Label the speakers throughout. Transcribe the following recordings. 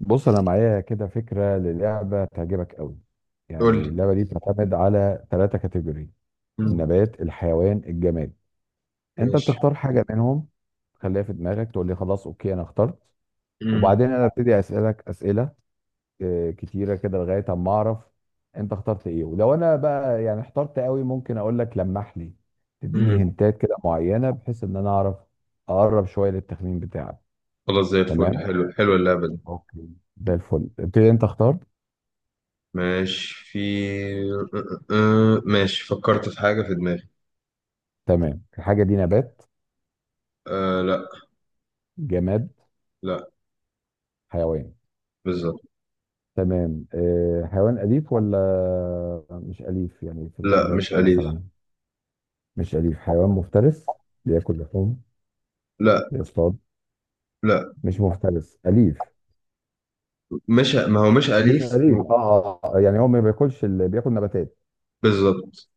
Speaker 1: بص، انا معايا كده فكره للعبه تعجبك قوي.
Speaker 2: قول
Speaker 1: يعني
Speaker 2: لي.
Speaker 1: اللعبه دي بتعتمد على 3 كاتيجوري:
Speaker 2: مم.
Speaker 1: النبات، الحيوان، الجماد. انت
Speaker 2: ماشي.
Speaker 1: بتختار حاجه منهم، تخليها في دماغك، تقول لي خلاص اوكي انا اخترت.
Speaker 2: مم.
Speaker 1: وبعدين انا ابتدي اسالك اسئله كتيره كده لغايه اما اعرف انت اخترت ايه. ولو انا بقى يعني احترت قوي ممكن اقول لك لمح لي،
Speaker 2: مم.
Speaker 1: تديني هنتات كده معينه بحيث ان انا اعرف اقرب شويه للتخمين بتاعك.
Speaker 2: خلاص، زي الفل.
Speaker 1: تمام.
Speaker 2: حلو حلو اللعبة دي.
Speaker 1: اوكي. زي الفل، ابتدي انت اختار.
Speaker 2: ماشي أه، ماشي فكرت في حاجة في دماغي.
Speaker 1: تمام الحاجة دي نبات؟
Speaker 2: أه لا.
Speaker 1: جماد؟
Speaker 2: لا.
Speaker 1: حيوان؟
Speaker 2: بالظبط.
Speaker 1: تمام، أه حيوان أليف ولا مش أليف؟ يعني في
Speaker 2: لا
Speaker 1: الغابات
Speaker 2: مش أليف.
Speaker 1: مثلا. مش أليف، حيوان مفترس؟ بياكل لحوم؟
Speaker 2: لا.
Speaker 1: بيصطاد؟
Speaker 2: لا،
Speaker 1: مش مفترس أليف؟
Speaker 2: مش، ما هو مش
Speaker 1: مش
Speaker 2: أليف.
Speaker 1: أليف اه يعني هو ما بياكلش بياكل نباتات.
Speaker 2: بالظبط.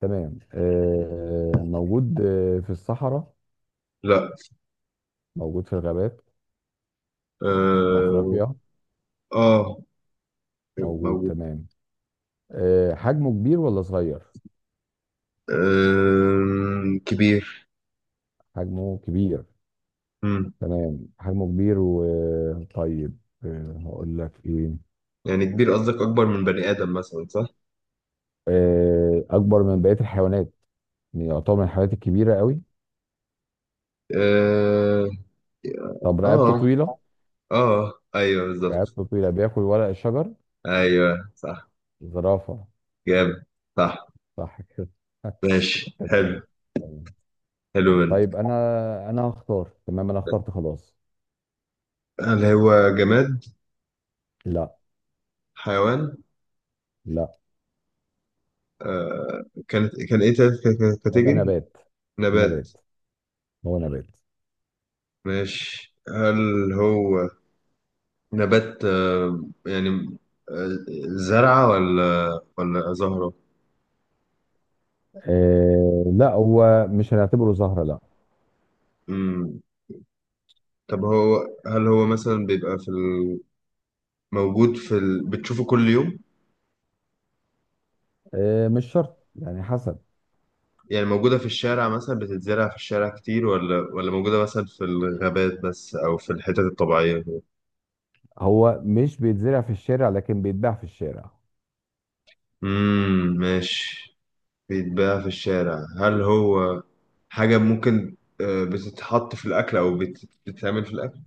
Speaker 1: تمام، أه موجود في الصحراء؟
Speaker 2: لا.
Speaker 1: موجود في الغابات؟ في
Speaker 2: اه.
Speaker 1: أفريقيا؟
Speaker 2: آه،
Speaker 1: موجود.
Speaker 2: موجود.
Speaker 1: تمام، أه حجمه كبير ولا صغير؟
Speaker 2: أه كبير.
Speaker 1: حجمه كبير.
Speaker 2: مم.
Speaker 1: تمام، حجمه كبير وطيب. هقول لك ايه.
Speaker 2: يعني كبير، قصدك أكبر من بني آدم مثلا، صح؟
Speaker 1: اكبر من بقيه الحيوانات، يعتبر من الحيوانات الكبيره قوي.
Speaker 2: اه.
Speaker 1: طب رقبته
Speaker 2: اه.
Speaker 1: طويله؟
Speaker 2: ايوه بالظبط.
Speaker 1: رقبته طويله، بياكل ورق الشجر،
Speaker 2: ايوه صح.
Speaker 1: زرافه.
Speaker 2: جامد. صح.
Speaker 1: صح كده؟
Speaker 2: ماشي
Speaker 1: تمام.
Speaker 2: حلو.
Speaker 1: تمام.
Speaker 2: حلو
Speaker 1: طيب
Speaker 2: منك.
Speaker 1: انا هختار. تمام انا اخترت خلاص.
Speaker 2: هل هو جماد؟
Speaker 1: لا.
Speaker 2: حيوان؟
Speaker 1: لا.
Speaker 2: آه. كان ايه تالت
Speaker 1: هيبقى
Speaker 2: كاتيجوري؟
Speaker 1: نبات.
Speaker 2: نبات.
Speaker 1: نبات. هو نبات.
Speaker 2: ماشي، هل هو نبات؟ يعني، آه زرعة، ولا زهرة؟
Speaker 1: آه لا، هو مش هنعتبره زهرة، لا.
Speaker 2: مم. طب هو، هل هو مثلا بيبقى موجود بتشوفه كل يوم؟
Speaker 1: آه مش شرط، يعني حسب.
Speaker 2: يعني موجودة في الشارع مثلا، بتتزرع في الشارع كتير، ولا موجودة مثلا في الغابات بس، أو في الحتت الطبيعية؟
Speaker 1: هو مش بيتزرع في الشارع، لكن بيتباع في الشارع.
Speaker 2: ماشي. بيتباع في الشارع. هل هو حاجة ممكن بتتحط في الأكل، أو بتتعمل في الأكل؟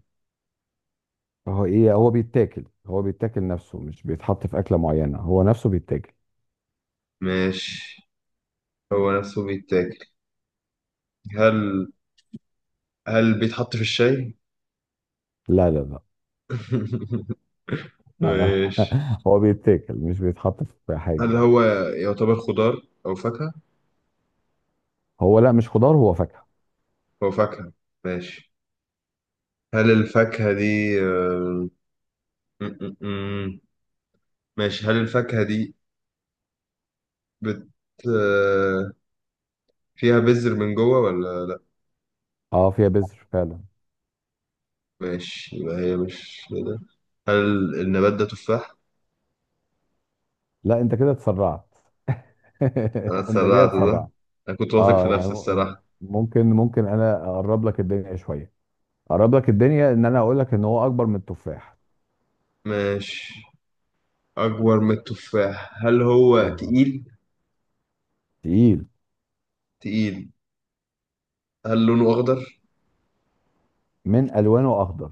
Speaker 1: هو ايه، هو بيتاكل، نفسه مش بيتحط في اكله معينه، هو نفسه بيتاكل.
Speaker 2: ماشي. هو نفسه بيتاكل. هل هل بيتحط في الشاي؟
Speaker 1: لا لا لا. لا
Speaker 2: ماشي.
Speaker 1: هو بيتاكل، مش بيتحط في حاجه
Speaker 2: هل
Speaker 1: يعني.
Speaker 2: هو يعتبر خضار أو فاكهة؟
Speaker 1: هو لا مش خضار، هو فاكهه.
Speaker 2: هو فاكهة. ماشي. هل الفاكهة دي م- م- م. ماشي، هل الفاكهة دي بت آه، فيها بذر من جوه ولا؟
Speaker 1: اه فيها بذر فعلا.
Speaker 2: ماشي، يبقى هي مش ده. هل النبات ده تفاح؟
Speaker 1: لا انت كده اتسرعت.
Speaker 2: أنا
Speaker 1: انت جاي
Speaker 2: اتسرعت ده.
Speaker 1: اتسرعت.
Speaker 2: أنا كنت واثق في
Speaker 1: اه يعني
Speaker 2: نفسي الصراحة.
Speaker 1: ممكن انا اقرب لك الدنيا شويه، اقرب لك الدنيا ان انا اقول لك ان هو اكبر من التفاح.
Speaker 2: ماشي. أكبر من التفاح. هل هو
Speaker 1: اه
Speaker 2: تقيل؟
Speaker 1: تقيل.
Speaker 2: تقيل. هل لونه أخضر؟
Speaker 1: من الوانه اخضر.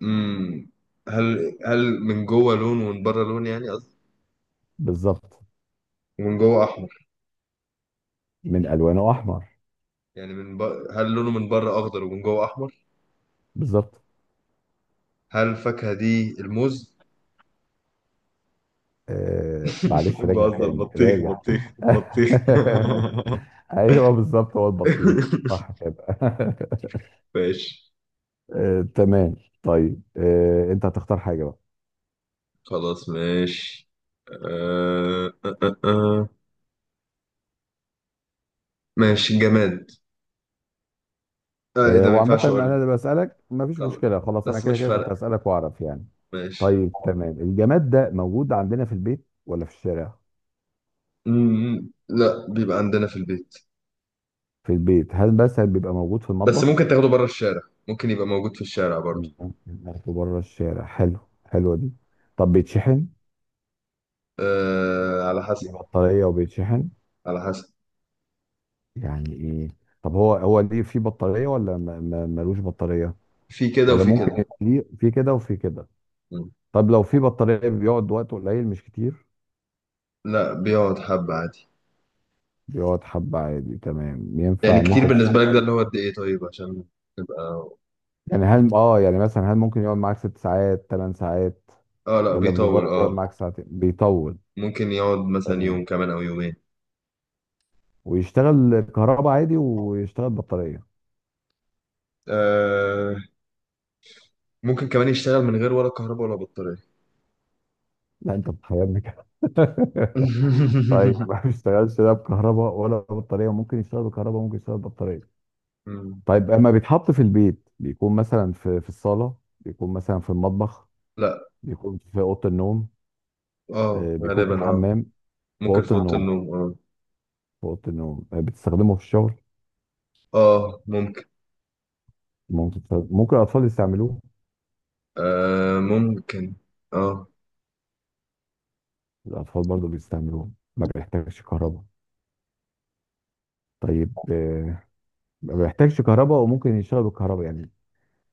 Speaker 2: مم. هل من جوه لون ومن بره لون، يعني قصدي،
Speaker 1: بالظبط.
Speaker 2: ومن جوه أحمر؟
Speaker 1: من الوانه احمر.
Speaker 2: يعني هل لونه من بره أخضر ومن جوه أحمر؟
Speaker 1: بالظبط.
Speaker 2: هل الفاكهة دي الموز؟
Speaker 1: آه معلش، راجع
Speaker 2: بهزر،
Speaker 1: تاني
Speaker 2: بطيخ
Speaker 1: راجع.
Speaker 2: بطيخ بطيخ.
Speaker 1: ايوه بالظبط، هو البطيخ. صح كده.
Speaker 2: ماشي.
Speaker 1: آه تمام. طيب آه، انت هتختار حاجه بقى.
Speaker 2: خلاص ماشي. آه آه آه. آه. ماشي، جماد. آه، ايه
Speaker 1: آه
Speaker 2: ده، ما
Speaker 1: وعامه
Speaker 2: ينفعش
Speaker 1: انا
Speaker 2: اقولها.
Speaker 1: اللي بسالك، مفيش
Speaker 2: خلاص.
Speaker 1: مشكله، خلاص انا
Speaker 2: بس
Speaker 1: كده
Speaker 2: مش
Speaker 1: كده كنت
Speaker 2: فارقة.
Speaker 1: هسالك واعرف يعني.
Speaker 2: ماشي.
Speaker 1: طيب تمام، الجماد ده موجود عندنا في البيت ولا في الشارع؟
Speaker 2: مم. لا، بيبقى عندنا في البيت.
Speaker 1: في البيت، هل مثلا بيبقى موجود في
Speaker 2: بس ممكن
Speaker 1: المطبخ؟
Speaker 2: تاخده بره الشارع. ممكن يبقى موجود في الشارع برضو.
Speaker 1: ممكن ناخده بره الشارع، حلو. حلوه دي. طب بيتشحن؟
Speaker 2: آه على
Speaker 1: دي
Speaker 2: حسب.
Speaker 1: بطاريه وبيتشحن.
Speaker 2: على حسب.
Speaker 1: يعني ايه؟ طب هو ليه في بطارية ولا ملوش بطارية؟
Speaker 2: في كده
Speaker 1: ولا
Speaker 2: وفي
Speaker 1: ممكن
Speaker 2: كده.
Speaker 1: يبقى ليه في كده وفي كده.
Speaker 2: مم.
Speaker 1: طب لو في بطارية بيقعد وقت قليل مش كتير؟
Speaker 2: لا، بيقعد حبة عادي.
Speaker 1: بيقعد حبة عادي، تمام
Speaker 2: يعني
Speaker 1: ينفع ان
Speaker 2: كتير
Speaker 1: انت
Speaker 2: بالنسبة لك، ده
Speaker 1: تشتغل.
Speaker 2: اللي هو قد ايه، طيب عشان تبقى.
Speaker 1: يعني هل اه يعني مثلا هل ممكن يقعد معاك 6 ساعات 8 ساعات؟
Speaker 2: اه لا،
Speaker 1: ولا
Speaker 2: بيطول
Speaker 1: بمجرد يقعد
Speaker 2: اه.
Speaker 1: معاك ساعتين بيطول؟
Speaker 2: ممكن يقعد مثلا
Speaker 1: تمام.
Speaker 2: يوم كمان، او يومين.
Speaker 1: ويشتغل كهرباء عادي ويشتغل بطارية.
Speaker 2: آه. ممكن كمان يشتغل من غير ولا كهرباء ولا بطارية.
Speaker 1: لا انت بتخيلني كده. طيب ما بيشتغلش لا بكهرباء ولا بطارية، ممكن يشتغل بكهرباء، ممكن يشتغل بطارية.
Speaker 2: مم.
Speaker 1: طيب اما بيتحط في البيت بيكون مثلا في الصالة؟ بيكون مثلا في المطبخ؟
Speaker 2: لا
Speaker 1: بيكون في أوضة النوم؟
Speaker 2: اه
Speaker 1: بيكون في
Speaker 2: غالبا اه.
Speaker 1: الحمام؟ في
Speaker 2: ممكن في
Speaker 1: أوضة
Speaker 2: اوضه
Speaker 1: النوم.
Speaker 2: النوم اه.
Speaker 1: في أوضة النوم بتستخدمه في الشغل؟
Speaker 2: اه ممكن.
Speaker 1: ممكن الأطفال يستعملوه؟
Speaker 2: آه ممكن. اه.
Speaker 1: الأطفال برضو بيستعملوه. ما بيحتاجش كهرباء. طيب ما بيحتاجش كهرباء وممكن يشتغل بالكهرباء يعني.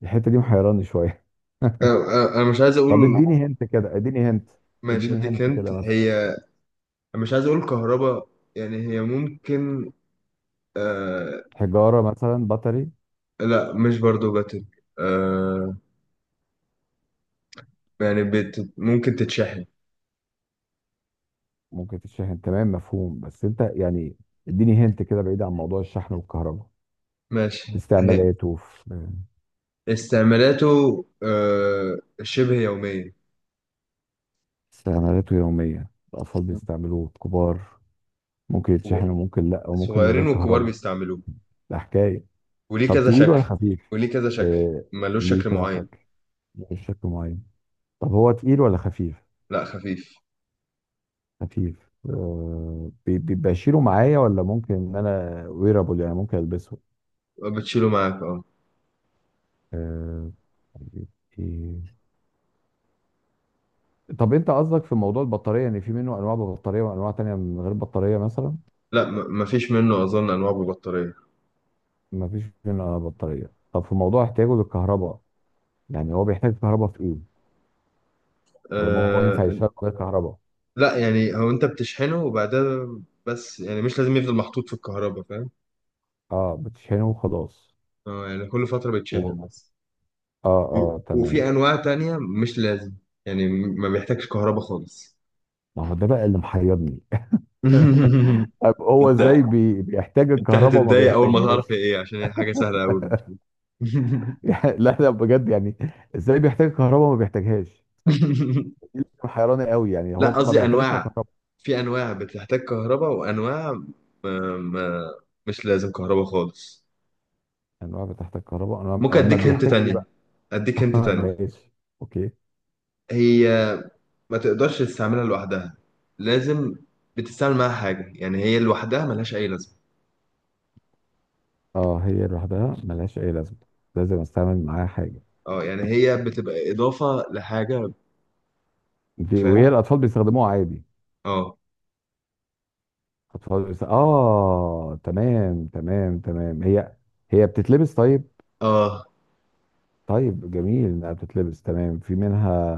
Speaker 1: الحتة دي محيراني شوية.
Speaker 2: أنا مش عايز اقول.
Speaker 1: طب اديني هنت كده، اديني هنت.
Speaker 2: ماشي،
Speaker 1: اديني
Speaker 2: هديك
Speaker 1: هنت
Speaker 2: انت
Speaker 1: كده مثلا،
Speaker 2: هي. مش عايز اقول كهرباء. يعني هي ممكن. آه.
Speaker 1: حجارة مثلا، بطري؟
Speaker 2: لا مش، برضو باتل. آه، يعني ممكن تتشحن.
Speaker 1: ممكن تتشحن، تمام مفهوم، بس انت يعني اديني هنت كده بعيد عن موضوع الشحن والكهرباء. في
Speaker 2: ماشي هي.
Speaker 1: استعمالاته، في
Speaker 2: استعمالاته شبه يومية.
Speaker 1: استعمالاته يومية، الأطفال بيستعملوه، الكبار. ممكن يتشحن وممكن لأ وممكن من غير
Speaker 2: صغيرين وكبار
Speaker 1: كهرباء.
Speaker 2: بيستعملوه.
Speaker 1: ده حكاية.
Speaker 2: وليه
Speaker 1: طب
Speaker 2: كذا
Speaker 1: تقيل ولا
Speaker 2: شكل.
Speaker 1: خفيف؟
Speaker 2: وليه كذا شكل،
Speaker 1: آه
Speaker 2: ملوش
Speaker 1: ليه
Speaker 2: شكل
Speaker 1: كذا
Speaker 2: معين.
Speaker 1: شكل، مش شكل معين. طب هو تقيل ولا خفيف؟
Speaker 2: لا، خفيف.
Speaker 1: خفيف. آه بيبقى أشيله معايا ولا ممكن إن أنا ويرابل يعني ممكن ألبسه؟
Speaker 2: بتشيله معاك اه.
Speaker 1: آه. طيب، إيه؟ طب انت قصدك في موضوع البطارية، يعني في منه انواع ببطارية وانواع تانية من غير بطارية مثلا؟
Speaker 2: لا مفيش منه اظن انواع ببطارية.
Speaker 1: ما فيش منها بطارية. طب في موضوع احتياجه للكهرباء، يعني هو بيحتاج كهرباء في ايه طالما هو ينفع
Speaker 2: أه.
Speaker 1: يشتغل من غير كهرباء؟
Speaker 2: لا، يعني هو انت بتشحنه، وبعدها، بس يعني مش لازم يفضل محطوط في الكهرباء، فاهم.
Speaker 1: اه بتشحنه وخلاص.
Speaker 2: اه يعني كل فترة
Speaker 1: و...
Speaker 2: بيتشحن بس.
Speaker 1: اه اه
Speaker 2: وفي
Speaker 1: تمام.
Speaker 2: انواع تانية مش لازم. يعني ما بيحتاجش كهرباء خالص.
Speaker 1: ما هو ده بقى اللي محيرني. طب هو
Speaker 2: انت
Speaker 1: ازاي بيحتاج
Speaker 2: انت
Speaker 1: الكهرباء وما
Speaker 2: هتتضايق اول ما
Speaker 1: بيحتاجهاش؟
Speaker 2: تعرف هي ايه، عشان هي حاجة سهلة قوي.
Speaker 1: يعني لا لا بجد يعني، ازاي بيحتاج الكهرباء وما بيحتاجهاش؟ دي اللي محيراني قوي، يعني
Speaker 2: لا،
Speaker 1: هو ما
Speaker 2: قصدي
Speaker 1: بيعتمدش على
Speaker 2: انواع.
Speaker 1: الكهرباء.
Speaker 2: في انواع بتحتاج كهرباء، وانواع ما مش لازم كهرباء خالص.
Speaker 1: انواع بتحتاج كهرباء،
Speaker 2: ممكن
Speaker 1: انواع لما
Speaker 2: اديك هنت
Speaker 1: بيحتاج ايه؟
Speaker 2: تانية. اديك هنت تانية.
Speaker 1: ماشي. اوكي.
Speaker 2: هي، ما تقدرش تستعملها لوحدها. لازم بتستعمل معاها حاجة، يعني هي لوحدها ملهاش اي لازمة.
Speaker 1: اه هي لوحدها ملهاش اي لازمه، لازم استعمل معاها حاجه.
Speaker 2: اه، يعني هي بتبقى اضافة لحاجة.
Speaker 1: دي وهي
Speaker 2: فاهم.
Speaker 1: الاطفال بيستخدموها عادي.
Speaker 2: اه.
Speaker 1: اه تمام تمام تمام، هي بتتلبس طيب.
Speaker 2: اه،
Speaker 1: طيب جميل انها بتتلبس. تمام في منها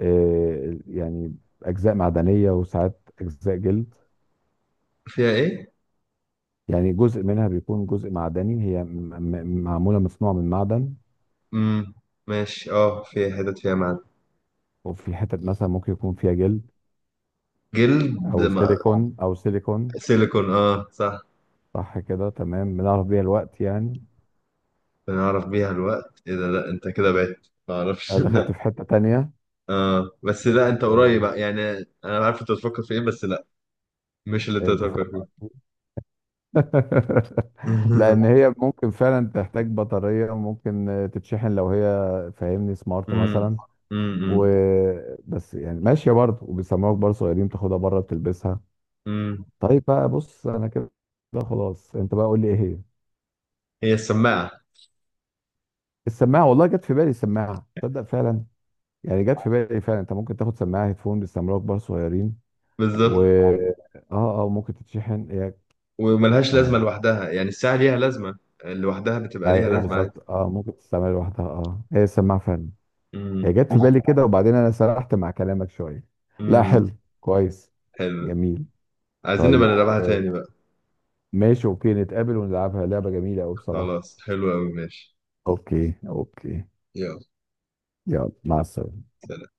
Speaker 1: آه يعني اجزاء معدنيه وساعات اجزاء جلد،
Speaker 2: فيها ايه.
Speaker 1: يعني جزء منها بيكون جزء معدني، هي معموله مصنوعه من معدن.
Speaker 2: امم ماشي، اه فيها حتت فيها معدن.
Speaker 1: وفي حتت مثلا ممكن يكون فيها جلد
Speaker 2: جلد ما...
Speaker 1: او سيليكون.
Speaker 2: سيليكون، اه صح.
Speaker 1: صح كده. تمام، بنعرف بيها الوقت يعني.
Speaker 2: بنعرف بيها الوقت، ايه ده، لا انت كده بعت، ما
Speaker 1: أنا
Speaker 2: اعرفش. لا
Speaker 1: دخلت في حتة تانية.
Speaker 2: اه، بس لا انت قريب
Speaker 1: آه،
Speaker 2: يعني. انا عارف انت بتفكر في ايه، بس لا، مش اللي انت
Speaker 1: أنت فاهم
Speaker 2: بتفكر فيه.
Speaker 1: قصدي؟
Speaker 2: امم
Speaker 1: لأن هي ممكن فعلا تحتاج بطارية وممكن تتشحن لو هي فاهمني سمارت مثلا،
Speaker 2: امم
Speaker 1: وبس يعني ماشية برضه وبيسموك برضه صغيرين تاخدها بره بتلبسها.
Speaker 2: امم
Speaker 1: طيب بقى، بص أنا كده خلاص، أنت بقى قول لي إيه هي؟
Speaker 2: هي السماعة.
Speaker 1: السماعة. والله جت في بالي السماعة، تصدق فعلا. يعني جت في بالي فعلا، أنت ممكن تاخد سماعة هيدفون بيسموك برضه صغيرين. و
Speaker 2: بالظبط.
Speaker 1: اه ممكن تتشحن هي.
Speaker 2: وملهاش لازمة
Speaker 1: اه
Speaker 2: لوحدها، يعني الساعة ليها لازمة لوحدها، بتبقى ليها
Speaker 1: ايوه
Speaker 2: لازمة عادي.
Speaker 1: بالظبط، اه ممكن تستعملها لوحدها. اه هي السماعه فعلا، هي
Speaker 2: امم
Speaker 1: جت في بالي كده وبعدين انا سرحت مع كلامك شويه. لا
Speaker 2: امم
Speaker 1: حلو، كويس،
Speaker 2: حلو.
Speaker 1: جميل.
Speaker 2: عايزين نبقى
Speaker 1: طيب
Speaker 2: نلعبها
Speaker 1: آه،
Speaker 2: تاني بقى.
Speaker 1: ماشي اوكي، نتقابل ونلعبها، لعبه جميله قوي بصراحه.
Speaker 2: خلاص حلو قوي ماشي.
Speaker 1: اوكي. اوكي.
Speaker 2: يلا.
Speaker 1: يلا مع السلامه.
Speaker 2: سلام.